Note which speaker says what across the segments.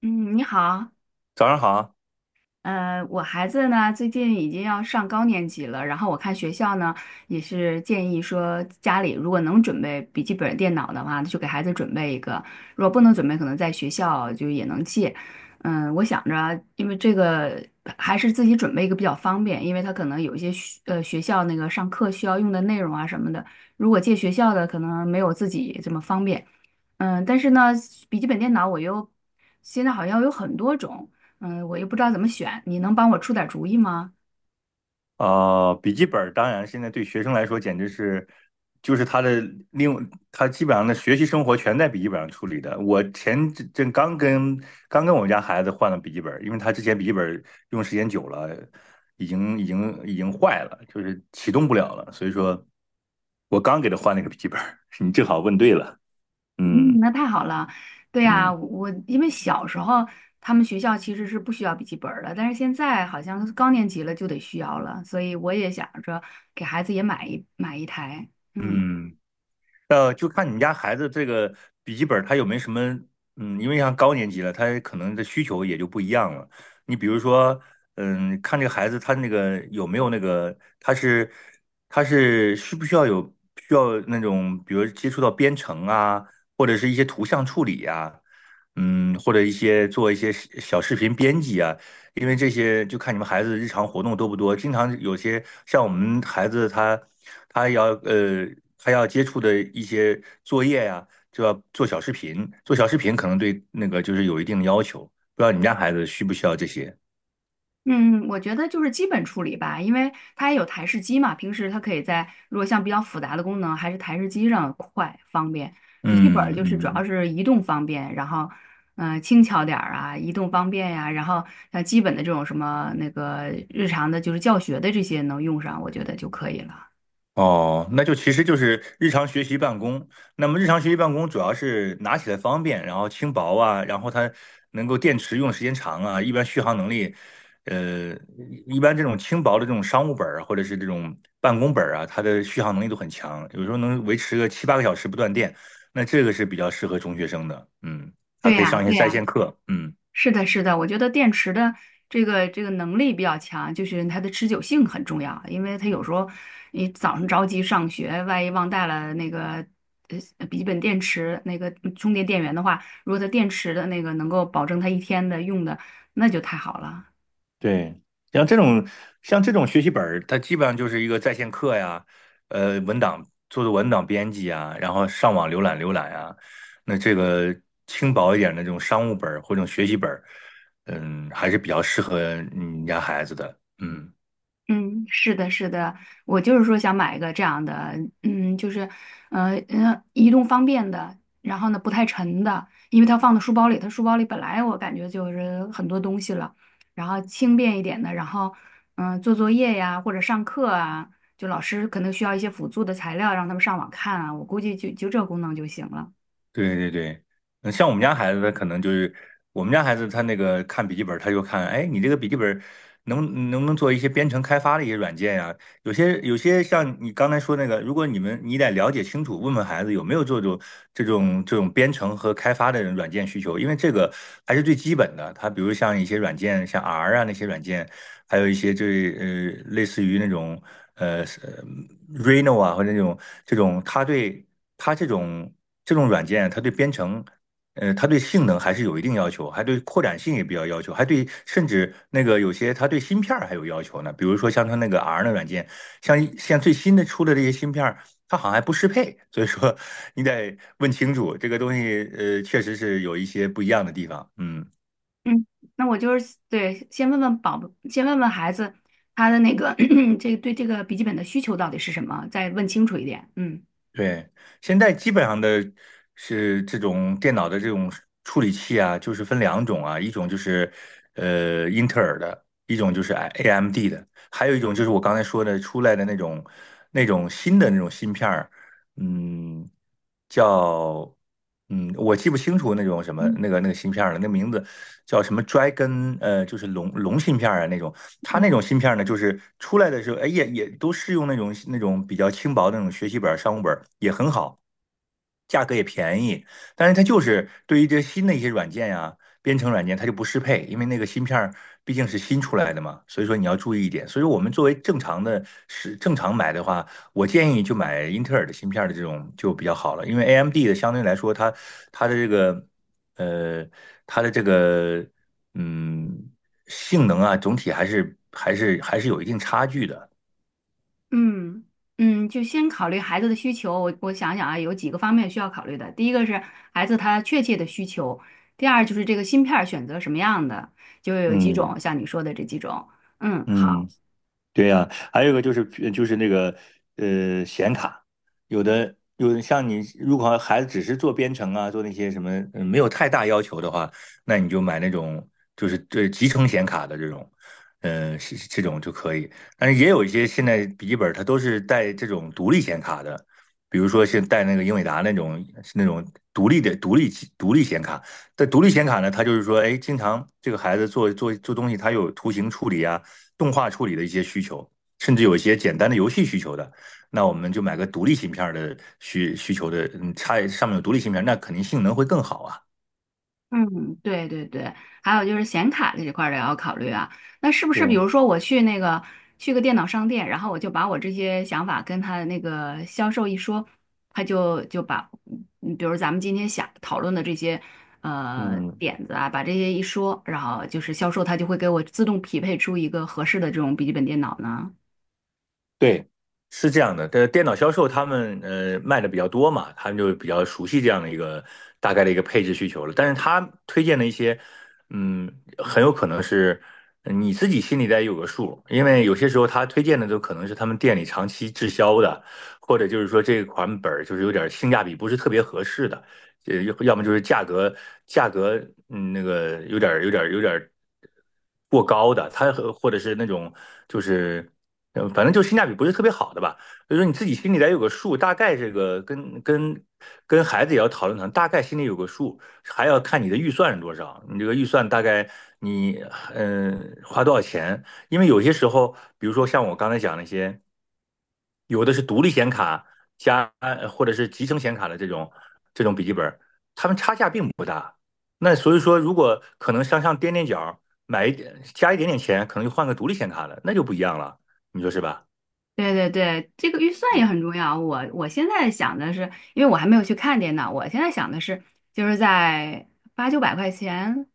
Speaker 1: 嗯，你好，
Speaker 2: 早上好。
Speaker 1: 我孩子呢最近已经要上高年级了，然后我看学校呢也是建议说，家里如果能准备笔记本电脑的话，就给孩子准备一个；如果不能准备，可能在学校就也能借。嗯，我想着，因为这个还是自己准备一个比较方便，因为他可能有一些学校那个上课需要用的内容啊什么的，如果借学校的可能没有自己这么方便。嗯，但是呢，笔记本电脑我又现在好像有很多种。嗯，我又不知道怎么选，你能帮我出点儿主意吗？
Speaker 2: 笔记本儿当然现在对学生来说简直是，就是他的另他基本上的学习生活全在笔记本上处理的。我前阵刚跟我们家孩子换了笔记本儿，因为他之前笔记本儿用时间久了，已经坏了，就是启动不了了。所以说，我刚给他换了一个笔记本儿，你正好问对了。
Speaker 1: 嗯，
Speaker 2: 嗯
Speaker 1: 那太好了。对呀，
Speaker 2: 嗯
Speaker 1: 我因为小时候他们学校其实是不需要笔记本儿的，但是现在好像是高年级了就得需要了，所以我也想着给孩子也买一台。嗯。
Speaker 2: 嗯。就看你们家孩子这个笔记本，他有没有什么，因为像高年级了，他可能的需求也就不一样了。你比如说，看这个孩子他那个有没有那个，他是需不需要需要那种，比如接触到编程啊，或者是一些图像处理呀、或者一些做一些小视频编辑啊，因为这些就看你们孩子日常活动多不多，经常有些像我们孩子他要呃他要接触的一些作业呀、就要做小视频，做小视频可能对那个就是有一定的要求，不知道你们家孩子需不需要这些？
Speaker 1: 嗯，我觉得就是基本处理吧，因为它也有台式机嘛，平时它可以在如果像比较复杂的功能，还是台式机上快方便。笔记本儿
Speaker 2: 嗯
Speaker 1: 就是主要
Speaker 2: 嗯。
Speaker 1: 是移动方便，然后轻巧点儿啊，移动方便呀、然后像基本的这种什么那个日常的，就是教学的这些能用上，我觉得就可以了。
Speaker 2: 哦，那就其实就是日常学习办公。那么日常学习办公主要是拿起来方便，然后轻薄啊，然后它能够电池用的时间长啊，一般续航能力。呃，一般这种轻薄的这种商务本儿啊或者是这种办公本儿啊，它的续航能力都很强，有时候能维持个七八个小时不断电。那这个是比较适合中学生的，嗯，它
Speaker 1: 对
Speaker 2: 可以
Speaker 1: 呀、
Speaker 2: 上一些
Speaker 1: 对
Speaker 2: 在
Speaker 1: 呀、
Speaker 2: 线课，嗯。
Speaker 1: 是的，是的，我觉得电池的这个能力比较强，就是它的持久性很重要，因为它有时候你早上着急上学，万一忘带了那个笔记本电池那个充电电源的话，如果它电池的那个能够保证它一天的用的，那就太好了。
Speaker 2: 对，像这种像这种学习本儿，它基本上就是一个在线课呀，文档做文档编辑啊，然后上网浏览啊。那这个轻薄一点的这种商务本儿或者这种学习本儿，嗯，还是比较适合你们家孩子的。嗯。
Speaker 1: 嗯，是的，是的，我就是说想买一个这样的，嗯，就是，移动方便的，然后呢不太沉的，因为它放到书包里，它书包里本来我感觉就是很多东西了，然后轻便一点的，然后，做作业呀或者上课啊，就老师可能需要一些辅助的材料让他们上网看啊，我估计就这功能就行了。
Speaker 2: 对对对，嗯像我们家孩子，他可能就是我们家孩子，他那个看笔记本儿，他就看，哎，你这个笔记本儿能不能做一些编程开发的一些软件呀、有些像你刚才说那个，如果你们你得了解清楚，问问孩子有没有这种编程和开发的软件需求，因为这个还是最基本的。他比如像一些软件，像 R 啊那些软件，还有一些就是类似于那种呃是 r e n o 啊，或者那种这种，它对它这种这种软件，它对编程，它对性能还是有一定要求，还对扩展性也比较要求，还对甚至那个有些它对芯片儿还有要求呢。比如说像它那个 R 的软件，像最新的出的这些芯片儿，它好像还不适配，所以说 你得问清楚这个东西，确实是有一些不一样的地方，嗯。
Speaker 1: 嗯，那我就是对，先问问宝宝，先问问孩子他的那个 这个对这个笔记本的需求到底是什么，再问清楚一点。嗯
Speaker 2: 对，现在基本上的是这种电脑的这种处理器啊，就是分两种啊，一种就是英特尔的，一种就是 AMD 的，还有一种就是我刚才说的出来的那种新的那种芯片儿，嗯，叫我记不清楚那种什么
Speaker 1: 嗯
Speaker 2: 那个芯片儿了，那名字叫什么 Dragon 就是龙芯片儿啊那种，它那种
Speaker 1: 嗯
Speaker 2: 芯片呢，就是出来的时候，哎，也都是用那种比较轻薄的那种学习本儿商务本儿也很好。价格也便宜，但是它就是对于这新的一些软件呀、编程软件，它就不适配，因为那个芯片儿毕竟是新出来的嘛，所以说你要注意一点。所以说我们作为正常的正常买的话，我建议就买英特尔的芯片的这种就比较好了，因为 AMD 的相对来说它的这个呃它的这个嗯性能啊，总体还是有一定差距的。
Speaker 1: 嗯嗯，就先考虑孩子的需求。我想想啊，有几个方面需要考虑的。第一个是孩子他确切的需求，第二就是这个芯片儿选择什么样的，就有几
Speaker 2: 嗯
Speaker 1: 种，像你说的这几种。嗯，好。
Speaker 2: 嗯。对呀，还有一个就是就是那个显卡，有的像你如果孩子只是做编程啊，做那些什么没有太大要求的话，那你就买那种就是对集成显卡的这种，这种就可以。但是也有一些现在笔记本它都是带这种独立显卡的，比如说是带那个英伟达那种独立的独立独立显卡。但独立显卡呢，它就是说，哎，经常这个孩子做东西，它有图形处理啊。动画处理的一些需求，甚至有一些简单的游戏需求的，那我们就买个独立芯片的需求的，嗯，插上面有独立芯片那肯定性能会更好啊。
Speaker 1: 嗯，对对对，还有就是显卡这一块儿也要考虑啊。那是不是比
Speaker 2: 对，
Speaker 1: 如说我去那个去个电脑商店，然后我就把我这些想法跟他的那个销售一说，他就就把，嗯比如咱们今天想讨论的这些
Speaker 2: 嗯，
Speaker 1: 点子啊，把这些一说，然后就是销售他就会给我自动匹配出一个合适的这种笔记本电脑呢？
Speaker 2: 对，是这样的，这电脑销售他们卖的比较多嘛，他们就比较熟悉这样的一个大概的一个配置需求了。但是他推荐的一些，嗯，很有可能是你自己心里得有个数，因为有些时候他推荐的都可能是他们店里长期滞销的，或者就是说这款本儿就是有点性价比不是特别合适的，要么就是价格有点过高的，或者是那种就是。嗯，反正就性价比不是特别好的吧，所以说你自己心里得有个数，大概这个跟孩子也要讨论，大概心里有个数，还要看你的预算是多少，你这个预算大概你花多少钱，因为有些时候，比如说像我刚才讲那些，有的是独立显卡加或者是集成显卡的这种笔记本，它们差价并不大，那所以说如果可能向上垫垫脚，买一点加一点点钱，可能就换个独立显卡了，那就不一样了。你说是吧？
Speaker 1: 对对对，这个预算也很重要。我现在想的是，因为我还没有去看电脑，我现在想的是，就是在八九百块钱，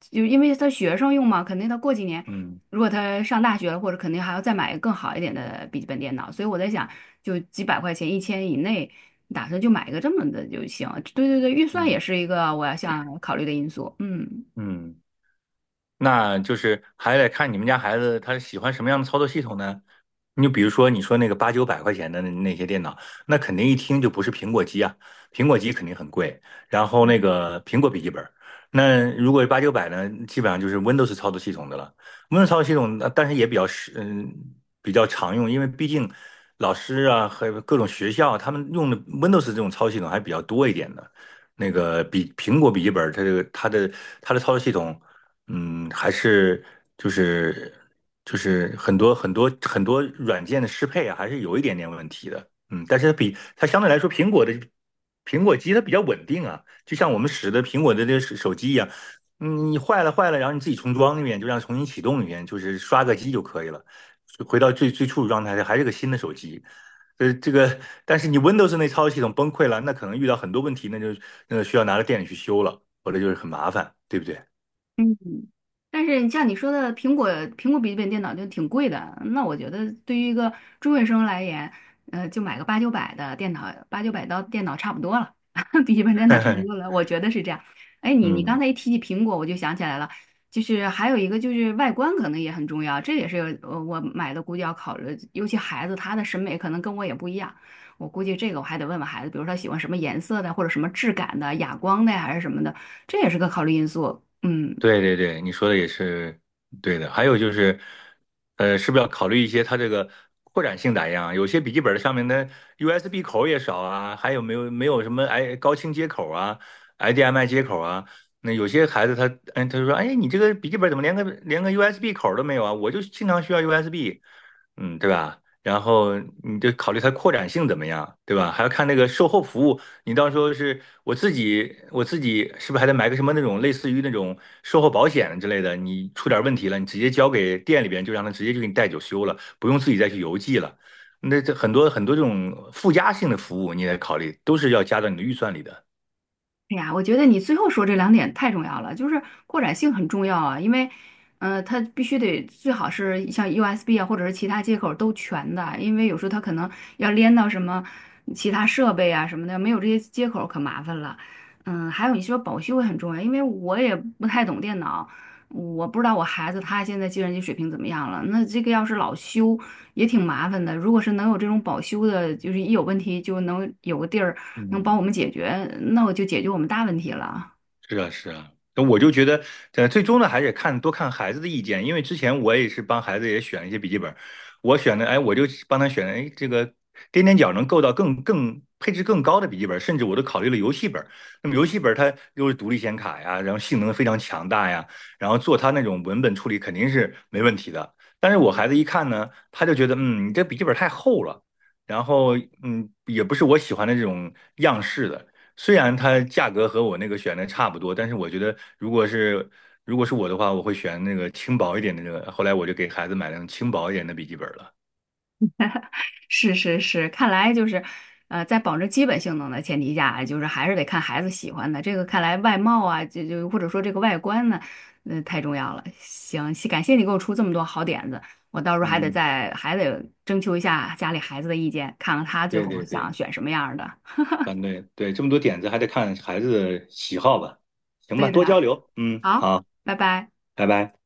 Speaker 1: 就因为他学生用嘛，肯定他过几年，
Speaker 2: 嗯
Speaker 1: 如果他上大学了，或者肯定还要再买一个更好一点的笔记本电脑，所以我在想，就几百块钱，一千以内，打算就买一个这么的就行。对对对，预算也
Speaker 2: 嗯
Speaker 1: 是一个我要想考虑的因素。嗯。
Speaker 2: 嗯，那就是还得看你们家孩子他喜欢什么样的操作系统呢？你就比如说你说那个八九百块钱的那些电脑，那肯定一听就不是苹果机啊，苹果机肯定很贵。然后那个苹果笔记本儿，那如果八九百呢，基本上就是 Windows 操作系统的了。Windows 操作系统，但是也比较实，嗯，比较常用，因为毕竟老师啊和各种学校他们用的 Windows 这种操作系统还比较多一点的。那个比苹果笔记本儿，它这个它的它的操作系统。嗯，还是就是就是很多软件的适配啊，还是有一点点问题的。嗯，但是它比它相对来说，苹果机它比较稳定啊，就像我们使的苹果的这手机一样，嗯，你坏了，然后你自己重装一遍，就让重新启动一遍，就是刷个机就可以了，回到最最初的状态，还是个新的手机。呃，这个，但是你 Windows 那操作系统崩溃了，那可能遇到很多问题，那就需要拿到店里去修了，或者就是很麻烦，对不对？
Speaker 1: 嗯，但是像你说的，苹果笔记本电脑就挺贵的。那我觉得对于一个中学生来言，就买个八九百的电脑，八九百到电脑差不多了，笔记本电脑差不多 了，我觉得是这样。哎，你刚
Speaker 2: 嗯，
Speaker 1: 才一提起苹果，我就想起来了，就是还有一个就是外观可能也很重要，这也是我买的估计要考虑，尤其孩子他的审美可能跟我也不一样，我估计这个我还得问问孩子，比如说他喜欢什么颜色的，或者什么质感的，哑光的呀还是什么的，这也是个考虑因素。嗯。
Speaker 2: 对对对，你说的也是对的。还有就是，是不是要考虑一些它这个扩展性咋样啊？有些笔记本的上面的 USB 口也少啊，还没有什么哎高清接口啊、HDMI 接口啊？那有些孩子他就说，哎，你这个笔记本怎么连个 USB 口都没有啊？我就经常需要 USB,嗯，对吧？然后你就考虑它扩展性怎么样，对吧？还要看那个售后服务，你到时候我自己是不是还得买个什么那种类似于那种售后保险之类的？你出点问题了，你直接交给店里边，就让他直接就给你带走修了，不用自己再去邮寄了。那这很多这种附加性的服务，你得考虑，都是要加到你的预算里的。
Speaker 1: 哎呀，我觉得你最后说这两点太重要了，就是扩展性很重要啊，因为，它必须得最好是像 USB 啊，或者是其他接口都全的，因为有时候它可能要连到什么其他设备啊什么的，没有这些接口可麻烦了。嗯，还有你说保修也很重要，因为我也不太懂电脑，我不知道我孩子他现在计算机水平怎么样了。那这个要是老修也挺麻烦的。如果是能有这种保修的，就是一有问题就能有个地儿能帮
Speaker 2: 嗯，
Speaker 1: 我们解决，那我就解决我们大问题了。
Speaker 2: 是啊，是啊，那我就觉得，最终呢，还得看多看孩子的意见，因为之前我也是帮孩子也选了一些笔记本，我选的，哎，我就帮他选了，哎，这个踮踮脚能够到更配置更高的笔记本，甚至我都考虑了游戏本。那么游戏本它又是独立显卡呀，然后性能非常强大呀，然后做它那种文本处理肯定是没问题的。但是我孩子一看呢，他就觉得，嗯，你这笔记本太厚了，然后嗯，也不是我喜欢的这种样式的。虽然它价格和我那个选的差不多，但是我觉得如果是我的话，我会选那个轻薄一点的那个。后来我就给孩子买那种轻薄一点的笔记本了。
Speaker 1: 是是是，看来就是，在保证基本性能的前提下，就是还是得看孩子喜欢的。这个看来外貌啊，就或者说这个外观呢，太重要了。行，感谢你给我出这么多好点子，我到时候
Speaker 2: 嗯，
Speaker 1: 还得征求一下家里孩子的意见，看看他最
Speaker 2: 对
Speaker 1: 后
Speaker 2: 对
Speaker 1: 想
Speaker 2: 对，
Speaker 1: 选什么样儿的。
Speaker 2: 这么多点子还得看孩子的喜好吧。行吧，
Speaker 1: 对的，
Speaker 2: 多交流。嗯，
Speaker 1: 好，
Speaker 2: 好，
Speaker 1: 拜拜。
Speaker 2: 拜拜。